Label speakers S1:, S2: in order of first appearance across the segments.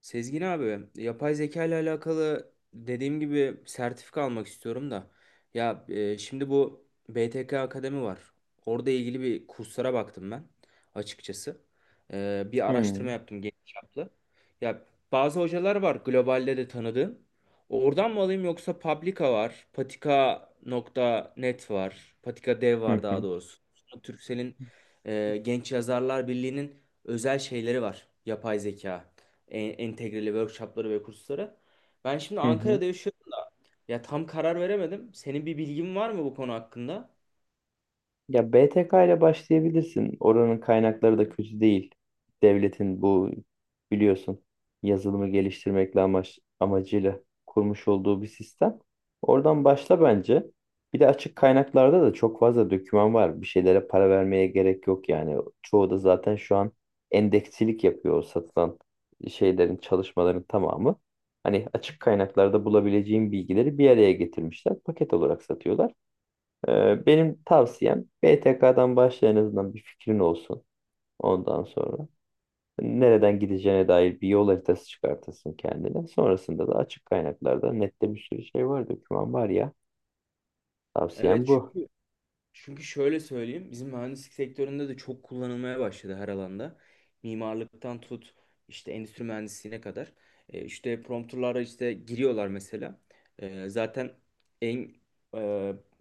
S1: Sezgin abi, yapay zeka ile alakalı, dediğim gibi, sertifika almak istiyorum da. Ya, şimdi bu BTK Akademi var. Orada ilgili bir kurslara baktım ben açıkçası. Bir araştırma
S2: Hmm,
S1: yaptım, geniş çaplı. Ya, bazı hocalar var globalde de tanıdığım. Oradan mı alayım, yoksa Publica var, Patika.net var, Patika Dev var
S2: hı
S1: daha
S2: hı.
S1: doğrusu. Türksel'in, Genç Yazarlar Birliği'nin özel şeyleri var, yapay zeka entegreli workshopları ve kursları. Ben şimdi
S2: Hı hı.
S1: Ankara'da yaşıyorum. Ya, tam karar veremedim. Senin bir bilgin var mı bu konu hakkında?
S2: Ya BTK ile başlayabilirsin. Oranın kaynakları da kötü değil. Devletin bu biliyorsun yazılımı geliştirmekle amacıyla kurmuş olduğu bir sistem. Oradan başla bence. Bir de açık kaynaklarda da çok fazla doküman var. Bir şeylere para vermeye gerek yok yani. Çoğu da zaten şu an endeksilik yapıyor o satılan şeylerin, çalışmaların tamamı. Hani açık kaynaklarda bulabileceğin bilgileri bir araya getirmişler. Paket olarak satıyorlar. Benim tavsiyem BTK'dan başla, en azından bir fikrin olsun ondan sonra. Nereden gideceğine dair bir yol haritası çıkartırsın kendine. Sonrasında da açık kaynaklarda nette bir sürü şey var, doküman var ya. Tavsiyem
S1: Evet.
S2: bu.
S1: Çünkü şöyle söyleyeyim, bizim mühendislik sektöründe de çok kullanılmaya başladı her alanda. Mimarlıktan tut, işte endüstri mühendisliğine kadar. İşte prompterlara işte giriyorlar mesela. Zaten en e,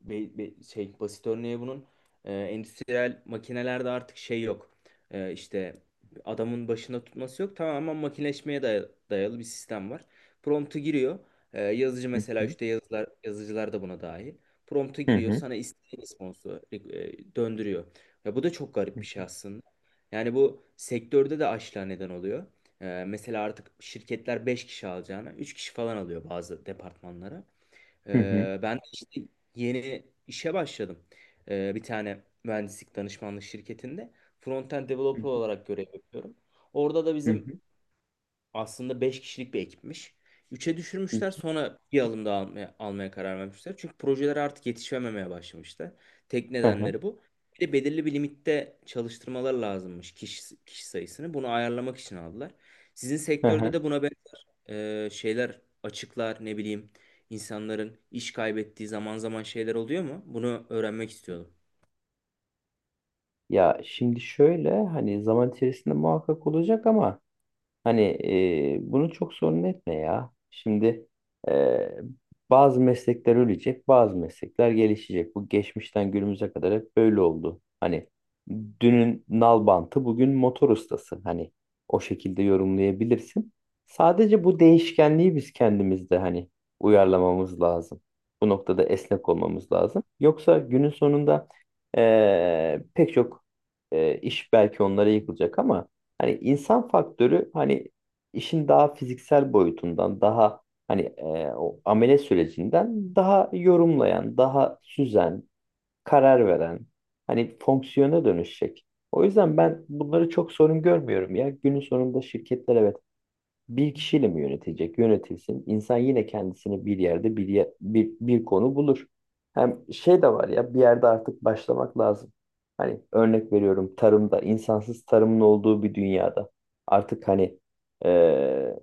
S1: be- be- şey, basit örneği bunun, endüstriyel makinelerde artık şey yok. İşte adamın başında tutması yok. Tamamen makineleşmeye dayalı bir sistem var. Promptu giriyor. Yazıcı
S2: Hı
S1: mesela,
S2: hı,
S1: işte yazılar, yazıcılar da buna dahil. Prompt'a
S2: hı
S1: giriyor,
S2: hı,
S1: sana istediğin responsu döndürüyor. Ya, bu da çok garip
S2: hı
S1: bir şey aslında. Yani bu sektörde de açlığa neden oluyor. Mesela artık şirketler 5 kişi alacağına 3 kişi falan alıyor bazı departmanlara.
S2: hı, hı hı,
S1: Ben de işte yeni işe başladım. Bir tane mühendislik danışmanlık şirketinde frontend developer olarak görev yapıyorum. Orada da
S2: hı
S1: bizim
S2: hı,
S1: aslında 5 kişilik bir ekipmiş. Üç'e düşürmüşler, sonra bir alım daha almaya karar vermişler. Çünkü projeler artık yetişememeye başlamıştı. Tek
S2: hı hı,
S1: nedenleri bu. Bir de belirli bir limitte çalıştırmalar lazımmış kişi sayısını. Bunu ayarlamak için aldılar. Sizin
S2: hı
S1: sektörde
S2: hı.
S1: de buna benzer şeyler açıklar, ne bileyim, insanların iş kaybettiği zaman zaman şeyler oluyor mu? Bunu öğrenmek istiyordum.
S2: Ya şimdi şöyle, hani zaman içerisinde muhakkak olacak ama hani bunu çok sorun etme ya. Şimdi e, bazı meslekler ölecek, bazı meslekler gelişecek. Bu geçmişten günümüze kadar hep böyle oldu. Hani dünün nalbantı bugün motor ustası. Hani o şekilde yorumlayabilirsin. Sadece bu değişkenliği biz kendimizde hani uyarlamamız lazım. Bu noktada esnek olmamız lazım. Yoksa günün sonunda pek çok iş belki onlara yıkılacak ama hani insan faktörü, hani işin daha fiziksel boyutundan daha hani o amele sürecinden daha yorumlayan, daha süzen, karar veren hani fonksiyona dönüşecek. O yüzden ben bunları çok sorun görmüyorum ya. Günün sonunda şirketler, evet, bir kişiyle mi yönetecek? Yönetilsin. İnsan yine kendisini bir yerde bir konu bulur. Hem şey de var ya, bir yerde artık başlamak lazım. Hani örnek veriyorum, tarımda insansız tarımın olduğu bir dünyada artık hani eee,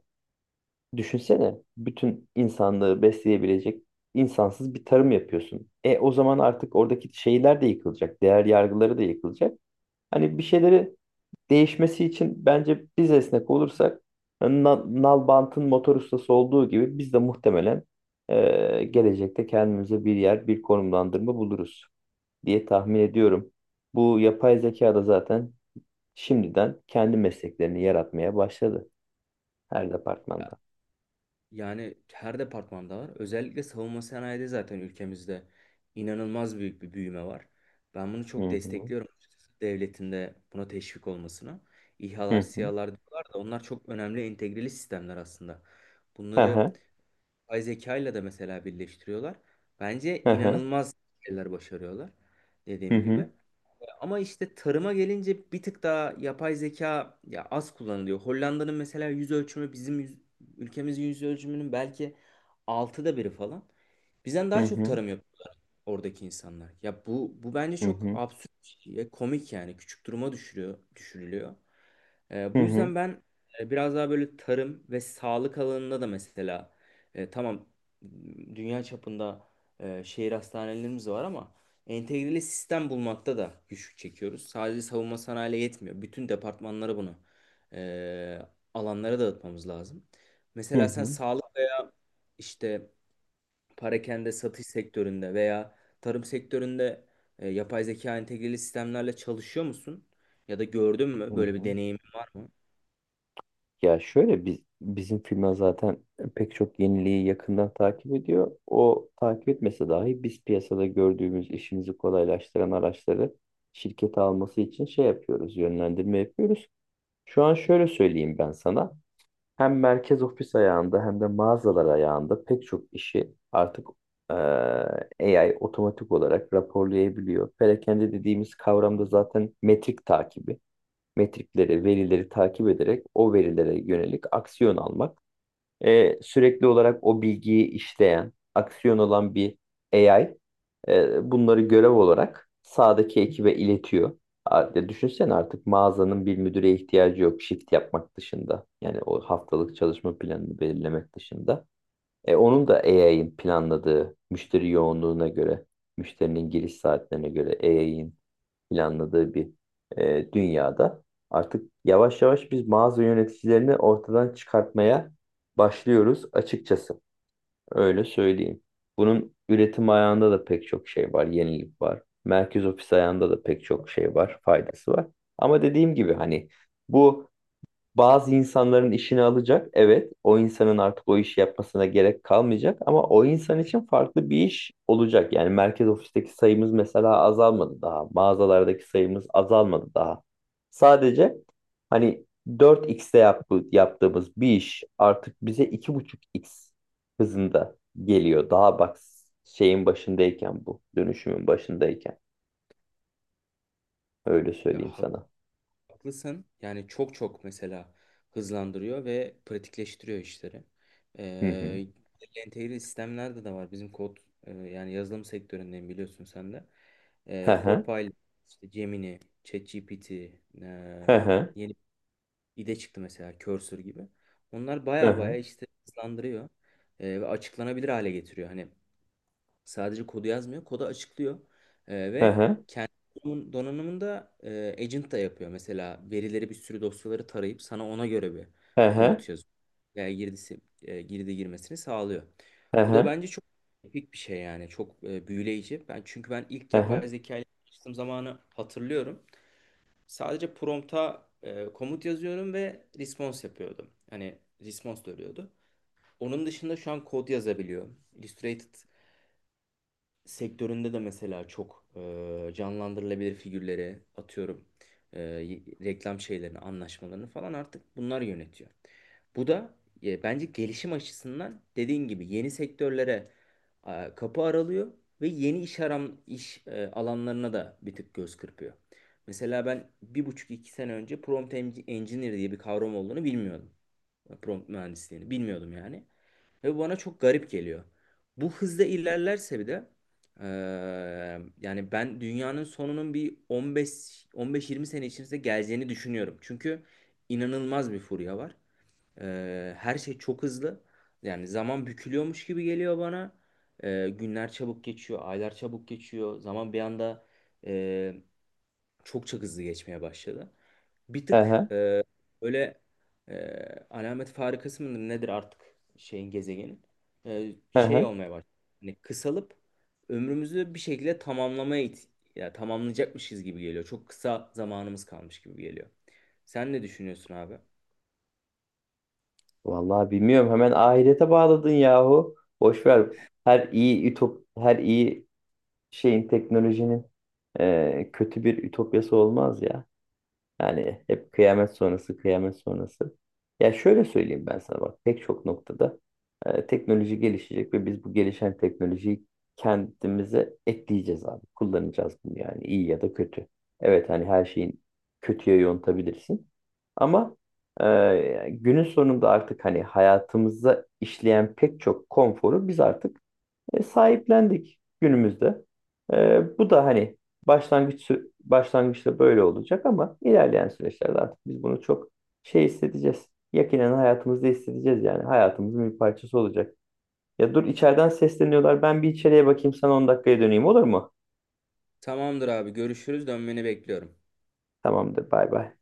S2: düşünsene bütün insanlığı besleyebilecek insansız bir tarım yapıyorsun. E o zaman artık oradaki şeyler de yıkılacak, değer yargıları da yıkılacak. Hani bir şeyleri değişmesi için bence biz esnek olursak, Nalbant'ın motor ustası olduğu gibi biz de muhtemelen gelecekte kendimize bir yer, bir konumlandırma buluruz diye tahmin ediyorum. Bu yapay zeka da zaten şimdiden kendi mesleklerini yaratmaya başladı her departmanda.
S1: Yani her departmanda var. Özellikle savunma sanayide zaten ülkemizde inanılmaz büyük bir büyüme var. Ben bunu
S2: Hı
S1: çok
S2: hı.
S1: destekliyorum açıkçası. Devletin de buna teşvik olmasına.
S2: Hı
S1: İHA'lar,
S2: hı.
S1: SİHA'lar diyorlar da onlar çok önemli entegreli sistemler aslında.
S2: Hı
S1: Bunları
S2: hı.
S1: yapay zeka ile de mesela birleştiriyorlar. Bence inanılmaz şeyler başarıyorlar,
S2: Hı
S1: dediğim gibi.
S2: hı.
S1: Ama işte tarıma gelince bir tık daha yapay zeka ya az kullanılıyor. Hollanda'nın mesela yüz ölçümü bizim ülkemizin yüz ölçümünün belki altıda biri falan. Bizden
S2: Hı
S1: daha çok
S2: hı.
S1: tarım yapıyor oradaki insanlar. Ya, bu bence
S2: Hı
S1: çok
S2: hı.
S1: absürt ve komik, yani küçük duruma düşürüyor, düşürülüyor.
S2: Hı
S1: Bu
S2: hı.
S1: yüzden ben, biraz daha böyle tarım ve sağlık alanında da mesela, tamam, dünya çapında şehir hastanelerimiz var ama entegreli sistem bulmakta da güçlük çekiyoruz. Sadece savunma sanayiyle yetmiyor. Bütün departmanlara bunu, e, alanlara dağıtmamız lazım.
S2: Hı
S1: Mesela sen
S2: hı.
S1: sağlık, işte parakende satış sektöründe veya tarım sektöründe yapay zeka entegreli sistemlerle çalışıyor musun? Ya da gördün
S2: Hı
S1: mü?
S2: hı.
S1: Böyle
S2: Hı
S1: bir
S2: hı.
S1: deneyimin var mı?
S2: Ya şöyle, bizim firma zaten pek çok yeniliği yakından takip ediyor. O takip etmese dahi biz piyasada gördüğümüz işimizi kolaylaştıran araçları şirkete alması için şey yapıyoruz, yönlendirme yapıyoruz. Şu an şöyle söyleyeyim ben sana. Hem merkez ofis ayağında hem de mağazalar ayağında pek çok işi artık eee, AI otomatik olarak raporlayabiliyor. Perakende dediğimiz kavramda zaten metrikleri, verileri takip ederek o verilere yönelik aksiyon almak. E, sürekli olarak o bilgiyi işleyen, aksiyon olan bir AI bunları görev olarak sağdaki ekibe iletiyor. A- Düşünsene, artık mağazanın bir müdüre ihtiyacı yok shift yapmak dışında. Yani o haftalık çalışma planını belirlemek dışında. E, onun da AI'ın planladığı müşteri yoğunluğuna göre, müşterinin giriş saatlerine göre AI'ın planladığı bir dünyada artık yavaş yavaş biz mağaza yöneticilerini ortadan çıkartmaya başlıyoruz açıkçası. Öyle söyleyeyim. Bunun üretim ayağında da pek çok şey var, yenilik var. Merkez ofis ayağında da pek çok şey var, faydası var. Ama dediğim gibi hani bu bazı insanların işini alacak. Evet, o insanın artık o işi yapmasına gerek kalmayacak ama o insan için farklı bir iş olacak. Yani merkez ofisteki sayımız mesela azalmadı daha. Mağazalardaki sayımız azalmadı daha. Sadece hani dört xte yaptığımız bir iş artık bize iki buçuk x hızında geliyor. Daha bak şeyin başındayken bu, dönüşümün başındayken. Öyle
S1: Ya,
S2: söyleyeyim
S1: hak-
S2: sana.
S1: haklısın. Yani çok çok mesela hızlandırıyor ve pratikleştiriyor işleri.
S2: Hı hı.
S1: Ee, Entegreli sistemlerde de var. Bizim kod, yani yazılım sektöründeyim, biliyorsun sen de.
S2: Hı hı.
S1: Copilot, işte Gemini, ChatGPT,
S2: Hı hı.
S1: yeni bir de çıktı mesela Cursor gibi. Onlar
S2: Hı
S1: baya baya
S2: hı.
S1: işte hızlandırıyor ve açıklanabilir hale getiriyor. Hani sadece kodu yazmıyor, kodu açıklıyor.
S2: Hı
S1: Ve
S2: hı.
S1: kendi donanımında agent da yapıyor. Mesela verileri, bir sürü dosyaları tarayıp sana ona göre bir
S2: Hı hı.
S1: komut yazıyor. Yani girdi girmesini sağlıyor.
S2: Hı
S1: Bu da
S2: hı,
S1: bence çok epik bir şey, yani çok büyüleyici. Çünkü ben ilk
S2: hı
S1: yapay
S2: hı,
S1: zeka ile çalıştığım zamanı hatırlıyorum. Sadece prompta komut yazıyorum ve response yapıyordum. Hani response dönüyordu. Onun dışında şu an kod yazabiliyorum. Illustrated sektöründe de mesela çok canlandırılabilir figürleri atıyorum, reklam şeylerini, anlaşmalarını falan artık bunlar yönetiyor. Bu da, bence gelişim açısından, dediğin gibi, yeni sektörlere kapı aralıyor ve yeni iş alanlarına da bir tık göz kırpıyor. Mesela ben 1,5-2 sene önce prompt engineer diye bir kavram olduğunu bilmiyordum, prompt mühendisliğini bilmiyordum yani. Ve bu bana çok garip geliyor. Bu hızda ilerlerse bir de eee, yani, ben dünyanın sonunun bir 15 15-20 sene içerisinde geleceğini düşünüyorum. Çünkü inanılmaz bir furya var. Her şey çok hızlı. Yani zaman bükülüyormuş gibi geliyor bana. Günler çabuk geçiyor, aylar çabuk geçiyor. Zaman bir anda eee, çok çok hızlı geçmeye başladı. Bir
S2: hı
S1: tık
S2: hı,
S1: böyle, e, alamet farikası mıdır nedir artık, şeyin, gezegenin
S2: hı
S1: şey
S2: hı.
S1: olmaya başladı. Hani kısalıp ömrümüzü bir şekilde tamamlamaya ya, tamamlayacakmışız gibi geliyor. Çok kısa zamanımız kalmış gibi geliyor. Sen ne düşünüyorsun abi?
S2: Vallahi bilmiyorum. Hemen ahirete bağladın yahu. Boş ver. Her iyi teknolojinin kötü bir ütopyası olmaz ya. Yani hep kıyamet sonrası, kıyamet sonrası. Ya şöyle söyleyeyim ben sana bak, pek çok noktada teknoloji gelişecek ve biz bu gelişen teknolojiyi kendimize ekleyeceğiz abi. Kullanacağız bunu yani, iyi ya da kötü. Evet hani her şeyin kötüye yontabilirsin. Ama günün sonunda artık hani hayatımıza işleyen pek çok konforu biz artık sahiplendik günümüzde. E, bu da hani başlangıçta böyle olacak ama ilerleyen süreçlerde artık biz bunu çok şey hissedeceğiz. Yakinen hayatımızda hissedeceğiz, yani hayatımızın bir parçası olacak. Ya dur, içeriden sesleniyorlar. Ben bir içeriye bakayım, sana 10 dakikaya döneyim, olur mu?
S1: Tamamdır abi, görüşürüz, dönmeni bekliyorum.
S2: Tamamdır, bay bay.